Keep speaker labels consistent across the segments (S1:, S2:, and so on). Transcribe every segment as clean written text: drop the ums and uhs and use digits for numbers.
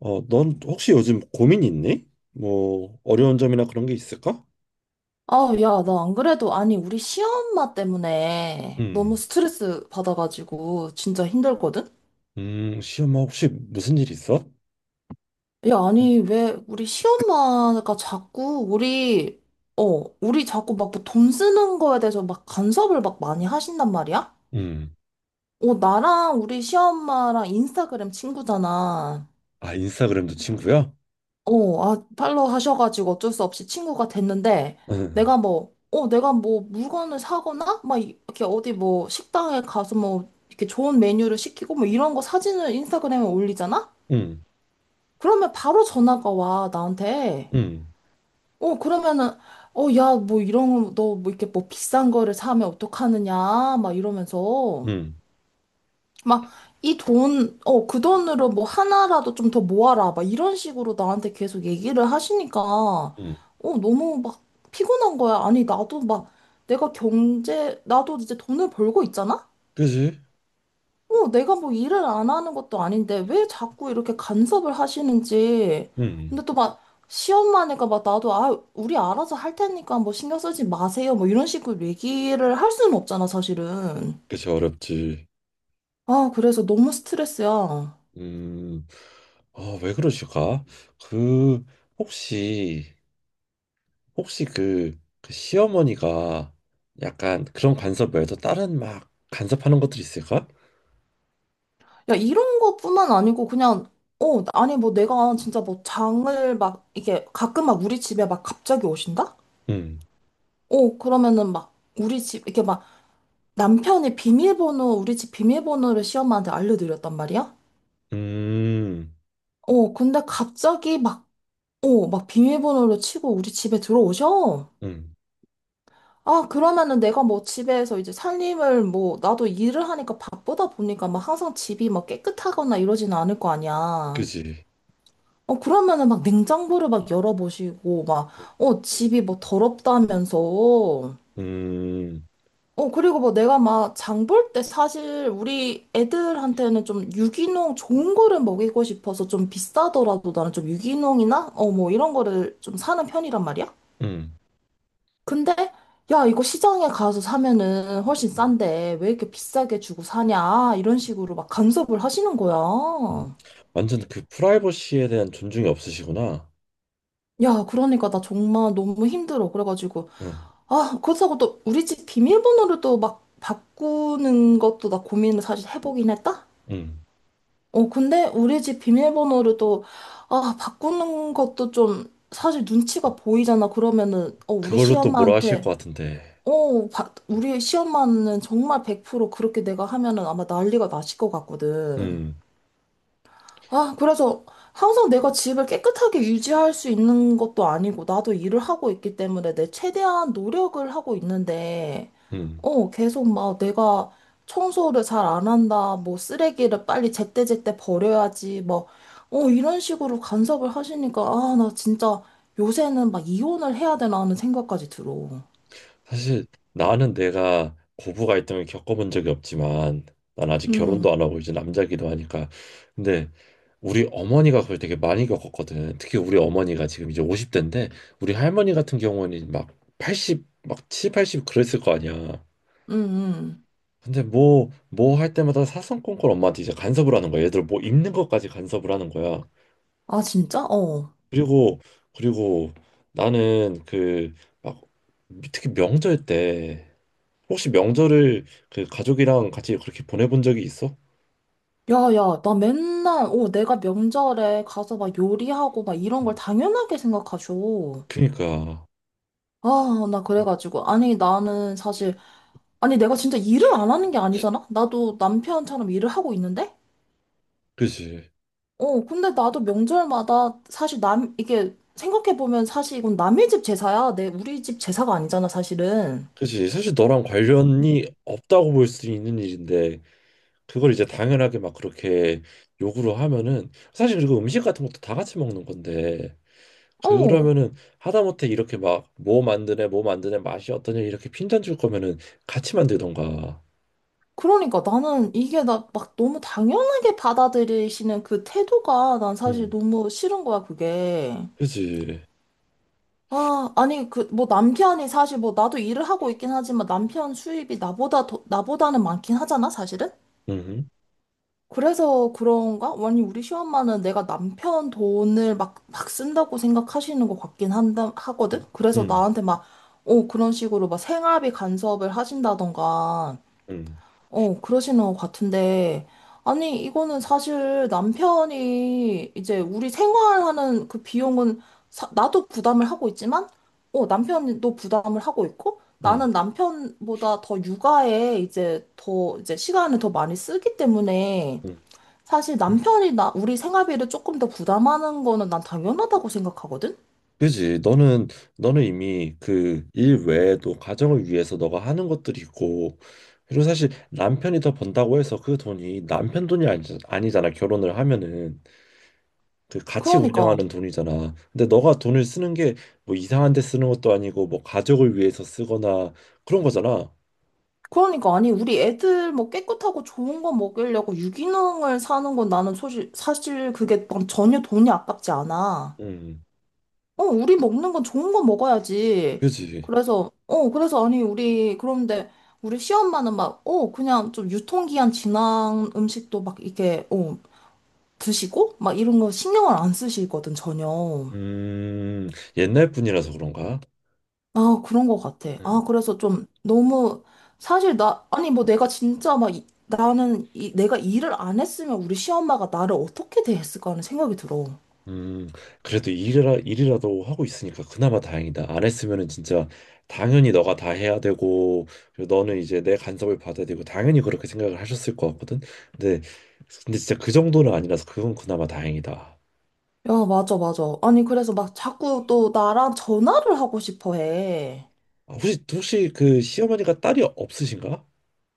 S1: 넌 혹시 요즘 고민 있니? 뭐 어려운 점이나 그런 게 있을까?
S2: 아, 야, 나 안 그래도, 아니, 우리 시엄마 때문에 너무
S1: 음,
S2: 스트레스 받아가지고 진짜 힘들거든?
S1: 시험아 혹시 무슨 일 있어?
S2: 야, 아니, 왜 우리 시엄마가 자꾸 우리 자꾸 막 뭐 돈 쓰는 거에 대해서 막 간섭을 막 많이 하신단 말이야?
S1: 음,
S2: 어, 나랑 우리 시엄마랑 인스타그램 친구잖아.
S1: 아 인스타그램도 친구야?
S2: 어, 아, 팔로우 하셔가지고 어쩔 수 없이 친구가 됐는데, 내가 뭐, 어, 내가 뭐 물건을 사거나, 막 이렇게 어디 뭐 식당에 가서 뭐 이렇게 좋은 메뉴를 시키고 뭐 이런 거 사진을 인스타그램에 올리잖아?
S1: 응. 응.
S2: 그러면 바로 전화가 와, 나한테.
S1: 응.
S2: 어, 그러면은, 어, 야, 뭐 이런 거, 너 뭐 이렇게 뭐 비싼 거를 사면 어떡하느냐, 막 이러면서.
S1: 응.
S2: 막, 이 돈, 어, 그 돈으로 뭐 하나라도 좀 더 모아라. 막 이런 식으로 나한테 계속 얘기를 하시니까, 어,
S1: 응,
S2: 너무 막 피곤한 거야. 아니, 나도 막 내가 경제, 나도 이제 돈을 벌고 있잖아?
S1: 그지?
S2: 어, 내가 뭐 일을 안 하는 것도 아닌데 왜 자꾸 이렇게 간섭을 하시는지.
S1: 음,
S2: 근데 또 막 시험만 하니까 막 나도, 아, 우리 알아서 할 테니까 뭐 신경 쓰지 마세요. 뭐 이런 식으로 얘기를 할 수는 없잖아, 사실은.
S1: 그지 어렵지.
S2: 아, 그래서 너무 스트레스야.
S1: 음, 아, 왜 그러실까? 그 혹시 혹시 그 시어머니가 약간 그런 간섭 외에도 다른 막 간섭하는 것들이 있을까?
S2: 야, 이런 것뿐만 아니고 그냥 어, 아니 뭐 내가 진짜 뭐 장을 막 이게 가끔 막 우리 집에 막 갑자기 오신다?
S1: 음,
S2: 어, 그러면은 막 우리 집 이렇게 막 남편이 비밀번호 우리 집 비밀번호를 시엄마한테 알려드렸단 말이야?
S1: 음.
S2: 어, 근데 갑자기 막 어, 막 비밀번호를 치고 우리 집에 들어오셔.
S1: 음.
S2: 아, 그러면은 내가 뭐 집에서 이제 살림을 뭐 나도 일을 하니까 바쁘다 보니까 막 항상 집이 막 깨끗하거나 이러지는 않을 거 아니야.
S1: 그지.
S2: 어, 그러면은 막 냉장고를 막 열어보시고, 막, 어, 집이 뭐 더럽다면서.
S1: 음,
S2: 어, 그리고 뭐 내가 막 장 볼 때 사실 우리 애들한테는 좀 유기농 좋은 거를 먹이고 싶어서 좀 비싸더라도 나는 좀 유기농이나, 어, 뭐 이런 거를 좀 사는 편이란 말이야?
S1: 음,
S2: 근데, 야, 이거 시장에 가서 사면은 훨씬
S1: 음,
S2: 싼데 왜 이렇게 비싸게 주고 사냐? 이런 식으로 막 간섭을 하시는 거야.
S1: 음. 완전 그 프라이버시에 대한 존중이 없으시구나.
S2: 야, 그러니까 나 정말 너무 힘들어. 그래가지고.
S1: 음,
S2: 아, 그렇다고 또 우리 집 비밀번호를 또 막 바꾸는 것도 나 고민을 사실 해보긴 했다?
S1: 음.
S2: 어, 근데 우리 집 비밀번호를 또, 아, 바꾸는 것도 좀 사실 눈치가 보이잖아. 그러면은, 어, 우리
S1: 그걸로 또 뭐라 하실
S2: 시엄마한테,
S1: 것 같은데.
S2: 어, 우리 시엄마는 정말 100% 그렇게 내가 하면은 아마 난리가 나실 것 같거든.
S1: 음,
S2: 아, 그래서 항상 내가 집을 깨끗하게 유지할 수 있는 것도 아니고, 나도 일을 하고 있기 때문에 내 최대한 노력을 하고 있는데,
S1: 음.
S2: 어, 계속 막 내가 청소를 잘 안 한다, 뭐 쓰레기를 빨리 제때제때 버려야지, 뭐, 어, 이런 식으로 간섭을 하시니까, 아, 나 진짜 요새는 막 이혼을 해야 되나 하는 생각까지 들어.
S1: 사실 나는 내가 고부 갈등을 겪어본 적이 없지만, 난 아직 결혼도 안
S2: 음,
S1: 하고 이제 남자기도 하니까. 근데 우리 어머니가 그걸 되게 많이 겪었거든. 특히 우리 어머니가 지금 이제 50대인데, 우리 할머니 같은 경우는 막 80, 막 칠, 80 그랬을 거 아니야.
S2: 음, 음.
S1: 근데 뭐 할 때마다 사성건건 엄마한테 이제 간섭을 하는 거야. 얘들 뭐 입는 것까지 간섭을 하는 거야.
S2: 아, 진짜? 어.
S1: 그리고 그리고 나는 그 막 특히 명절 때 혹시 명절을 그 가족이랑 같이 그렇게 보내본 적이 있어?
S2: 야, 야, 나 맨날, 어, 내가 명절에 가서 막 요리하고 막 이런 걸
S1: 음.
S2: 당연하게 생각하죠.
S1: 그니까
S2: 아, 나 그래가지고. 아니, 나는 사실, 아니, 내가 진짜 일을 안 하는 게 아니잖아? 나도 남편처럼 일을 하고 있는데?
S1: 그지,
S2: 어, 근데 나도 명절마다 사실 이게 생각해보면 사실 이건 남의 집 제사야. 내, 우리 집 제사가 아니잖아, 사실은.
S1: 그지. 사실 너랑 관련이 없다고 볼 수 있는 일인데 그걸 이제 당연하게 막 그렇게 요구를 하면은, 사실, 그리고 음식 같은 것도 다 같이 먹는 건데,
S2: 어.
S1: 그러면은 하다못해 이렇게 막 뭐 만드네 뭐 만드네 맛이 어떠냐 이렇게 핀잔 줄 거면은 같이 만들던가.
S2: 그러니까 나는 이게 나 막 너무 당연하게 받아들이시는 그 태도가 난 사실
S1: 응,
S2: 너무 싫은 거야, 그게.
S1: 그지,
S2: 아, 아니, 그, 뭐, 남편이 사실 뭐, 나도 일을 하고 있긴 하지만 남편 수입이 나보다 나보다는 많긴 하잖아, 사실은?
S1: 응응응응응,
S2: 그래서 그런가? 아니, 우리 시엄마는 내가 남편 돈을 막, 막 쓴다고 생각하시는 것 같긴 하거든? 그래서
S1: 응,
S2: 나한테 막, 어, 그런 식으로 막 생활비 간섭을 하신다던가,
S1: 응,
S2: 어, 그러시는 것 같은데. 아니, 이거는 사실 남편이 이제 우리 생활하는 그 비용은 나도 부담을 하고 있지만, 어, 남편도 부담을 하고 있고,
S1: 응,
S2: 나는 남편보다 더 육아에 이제 이제 시간을 더 많이 쓰기 때문에,
S1: 응,
S2: 사실
S1: 응.
S2: 남편이 우리 생활비를 조금 더 부담하는 거는 난 당연하다고 생각하거든?
S1: 그지. 너는 이미 그 일 외에도 가정을 위해서 너가 하는 것들이 있고, 그리고 사실 남편이 더 번다고 해서 그 돈이 남편 돈이 아니, 아니잖아 결혼을 하면은 그 같이
S2: 그러니까.
S1: 운영하는 돈이잖아. 근데 너가 돈을 쓰는 게 뭐 이상한 데 쓰는 것도 아니고 뭐 가족을 위해서 쓰거나 그런 거잖아.
S2: 그러니까 아니 우리 애들 뭐 깨끗하고 좋은 거 먹이려고 유기농을 사는 건 나는 사실 사실 그게 난 전혀 돈이 아깝지 않아.
S1: 음,
S2: 어, 우리 먹는 건 좋은 거 먹어야지.
S1: 그지.
S2: 그래서 어 그래서 아니 우리 그런데 우리 시엄마는 막 어 그냥 좀 유통기한 지난 음식도 막 이렇게 어 드시고 막 이런 거 신경을 안 쓰시거든 전혀.
S1: 음, 옛날 분이라서 그런가?
S2: 아, 그런 것 같아.
S1: 음,
S2: 아, 그래서 좀 너무, 사실 나, 아니, 뭐 내가 진짜 막, 나는 내가 일을 안 했으면 우리 시엄마가 나를 어떻게 대했을까 하는 생각이 들어.
S1: 음, 그래도 일이라도 하고 있으니까 그나마 다행이다. 안 했으면은 진짜 당연히 너가 다 해야 되고, 그리고 너는 이제 내 간섭을 받아야 되고 당연히 그렇게 생각을 하셨을 것 같거든. 근데 근데 진짜 그 정도는 아니라서 그건 그나마 다행이다.
S2: 야, 맞아, 맞아. 아니, 그래서 막 자꾸 또 나랑 전화를 하고 싶어 해.
S1: 아, 혹시 그 시어머니가 딸이 없으신가?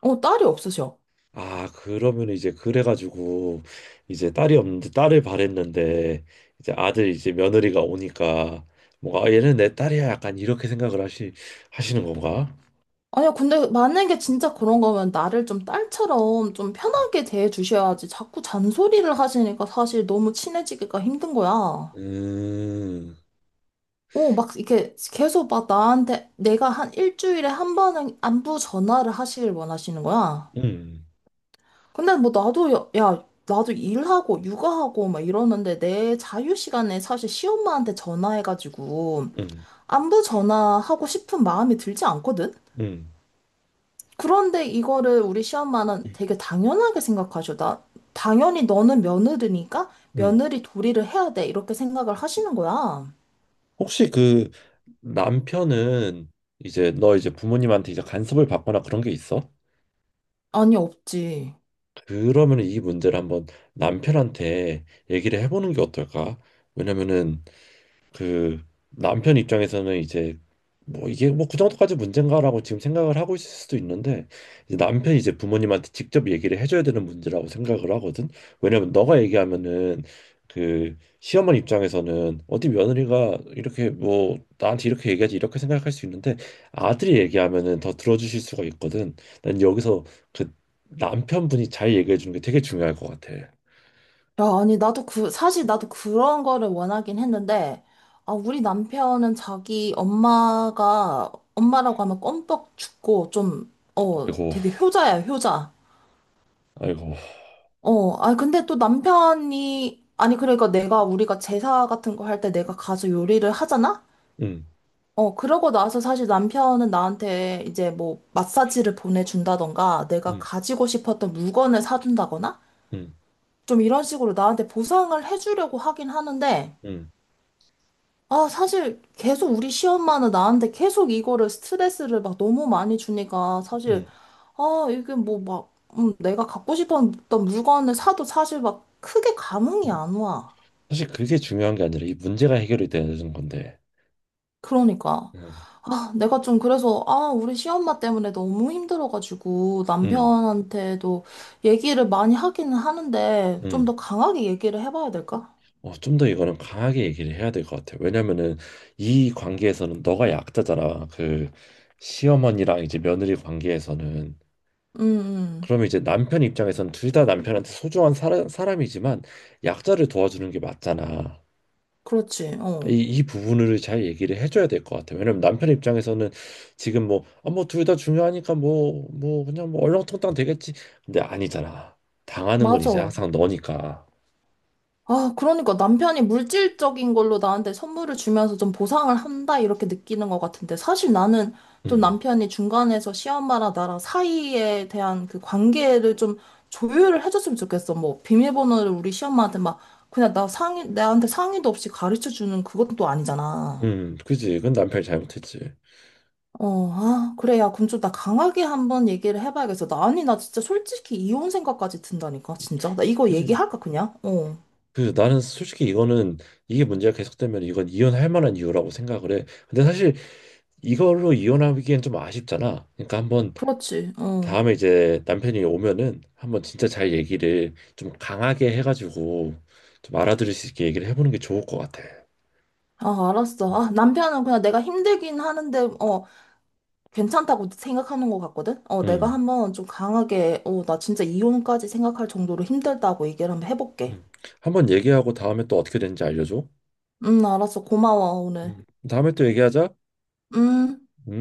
S2: 어, 딸이 없으셔.
S1: 아, 그러면 이제 그래가지고 이제 딸이 없는데 딸을 바랬는데 이제 아들 이제 며느리가 오니까 뭔가, 아, 얘는 내 딸이야, 약간 이렇게 생각을 하시는 건가?
S2: 아니야, 근데 만약에 진짜 그런 거면 나를 좀 딸처럼 좀 편하게 대해 주셔야지. 자꾸 잔소리를 하시니까 사실 너무 친해지기가 힘든 거야.
S1: 음,
S2: 오, 막 이렇게 계속 막 나한테 내가 한 일주일에 한 번은 안부 전화를 하시길 원하시는 거야.
S1: 음,
S2: 근데 뭐 나도 야, 야, 나도 일하고 육아하고 막 이러는데 내 자유 시간에 사실 시엄마한테 전화해가지고
S1: 음,
S2: 안부 전화하고 싶은 마음이 들지 않거든?
S1: 음,
S2: 그런데 이거를 우리 시엄마는 되게 당연하게 생각하셔. 나 당연히 너는 며느리니까
S1: 음.
S2: 며느리 도리를 해야 돼. 이렇게 생각을 하시는 거야.
S1: 혹시 그 남편은 이제 너 이제 부모님한테 이제 간섭을 받거나 그런 게 있어?
S2: 아니, 없지.
S1: 그러면 이 문제를 한번 남편한테 얘기를 해보는 게 어떨까? 왜냐면은 그 남편 입장에서는 이제 뭐 이게 뭐 그 정도까지 문제인가라고 지금 생각을 하고 있을 수도 있는데, 이제 남편이 이제 부모님한테 직접 얘기를 해줘야 되는 문제라고 생각을 하거든. 왜냐면 너가 얘기하면은 그 시어머니 입장에서는 어디 며느리가 이렇게 뭐 나한테 이렇게 얘기하지 이렇게 생각할 수 있는데, 아들이 얘기하면은 더 들어주실 수가 있거든. 난 여기서 그 남편분이 잘 얘기해 주는 게 되게 중요할 것 같아.
S2: 야, 아니, 나도 그, 사실 나도 그런 거를 원하긴 했는데, 아, 우리 남편은 자기 엄마라고 하면 껌뻑 죽고, 좀, 어,
S1: 아이고,
S2: 되게 효자야, 효자.
S1: 아이고.
S2: 어, 아, 근데 또 남편이, 아니, 그러니까 내가, 우리가 제사 같은 거 할 때 내가 가서 요리를 하잖아?
S1: 응,
S2: 어, 그러고 나서 사실 남편은 나한테 이제 뭐, 마사지를 보내준다던가, 내가
S1: 응,
S2: 가지고 싶었던 물건을 사준다거나,
S1: 응,
S2: 좀 이런 식으로 나한테 보상을 해주려고 하긴 하는데,
S1: 응,
S2: 아, 사실 계속 우리 시엄마는 나한테 계속 이거를 스트레스를 막 너무 많이 주니까 사실
S1: 응.
S2: 아, 이게 뭐 막, 내가 갖고 싶었던 물건을 사도 사실 막 크게 감흥이
S1: 응.
S2: 안 와.
S1: 사실 그게 중요한 게 아니라 이 문제가 해결이 되는 건데.
S2: 그러니까.
S1: 음.
S2: 아, 내가 좀 그래서, 아, 우리 시엄마 때문에 너무 힘들어가지고
S1: 음.
S2: 남편한테도 얘기를 많이 하기는 하는데 좀
S1: 음.
S2: 더 강하게 얘기를 해봐야 될까?
S1: 좀 더 이거는 강하게 얘기를 해야 될 것 같아. 왜냐면은 이 관계에서는 너가 약자잖아. 그 시어머니랑 이제 며느리 관계에서는,
S2: 음, 음.
S1: 그러면 이제 남편 입장에서는 둘 다 남편한테 소중한 사람이지만 약자를 도와주는 게 맞잖아.
S2: 그렇지. 어.
S1: 이 부분을 잘 얘기를 해줘야 될 것 같아요. 왜냐면 남편 입장에서는 지금 뭐, 아, 뭐, 둘 다 중요하니까 뭐, 그냥 뭐, 얼렁뚱땅 되겠지. 근데 아니잖아. 당하는 건 이제
S2: 맞아.
S1: 항상 너니까.
S2: 아, 그러니까 남편이 물질적인 걸로 나한테 선물을 주면서 좀 보상을 한다, 이렇게 느끼는 것 같은데, 사실 나는 좀
S1: 음,
S2: 남편이 중간에서 시엄마랑 나랑 사이에 대한 그 관계를 좀 조율을 해줬으면 좋겠어. 뭐, 비밀번호를 우리 시엄마한테 막, 그냥 나한테 상의도 없이 가르쳐 주는 그것도 또 아니잖아.
S1: 그지. 그건 남편이 잘못했지.
S2: 어, 아, 그래, 야, 그럼 좀 나 강하게 한번 얘기를 해봐야겠어. 아니, 나 진짜 솔직히 이혼 생각까지 든다니까, 진짜. 나 이거
S1: 그지.
S2: 얘기할까, 그냥? 어,
S1: 그 나는 솔직히 이거는 이게 문제가 계속되면 이건 이혼할 만한 이유라고 생각을 해. 근데 사실 이걸로 이혼하기엔 좀 아쉽잖아. 그러니까 한번
S2: 그렇지, 어.
S1: 다음에 이제 남편이 오면은 한번 진짜 잘 얘기를 좀 강하게 해가지고 좀 알아들을 수 있게 얘기를 해보는 게 좋을 것 같아.
S2: 아, 알았어. 아, 남편은 그냥 내가 힘들긴 하는데, 어, 괜찮다고 생각하는 것 같거든? 어, 내가
S1: 응,
S2: 한번 좀 강하게, 어, 나 진짜 이혼까지 생각할 정도로 힘들다고 얘기를 한번 해볼게.
S1: 응. 한번 얘기하고 다음에 또 어떻게 되는지 알려줘.
S2: 알았어. 고마워, 오늘.
S1: 응. 다음에 또 얘기하자.
S2: 음.
S1: 응?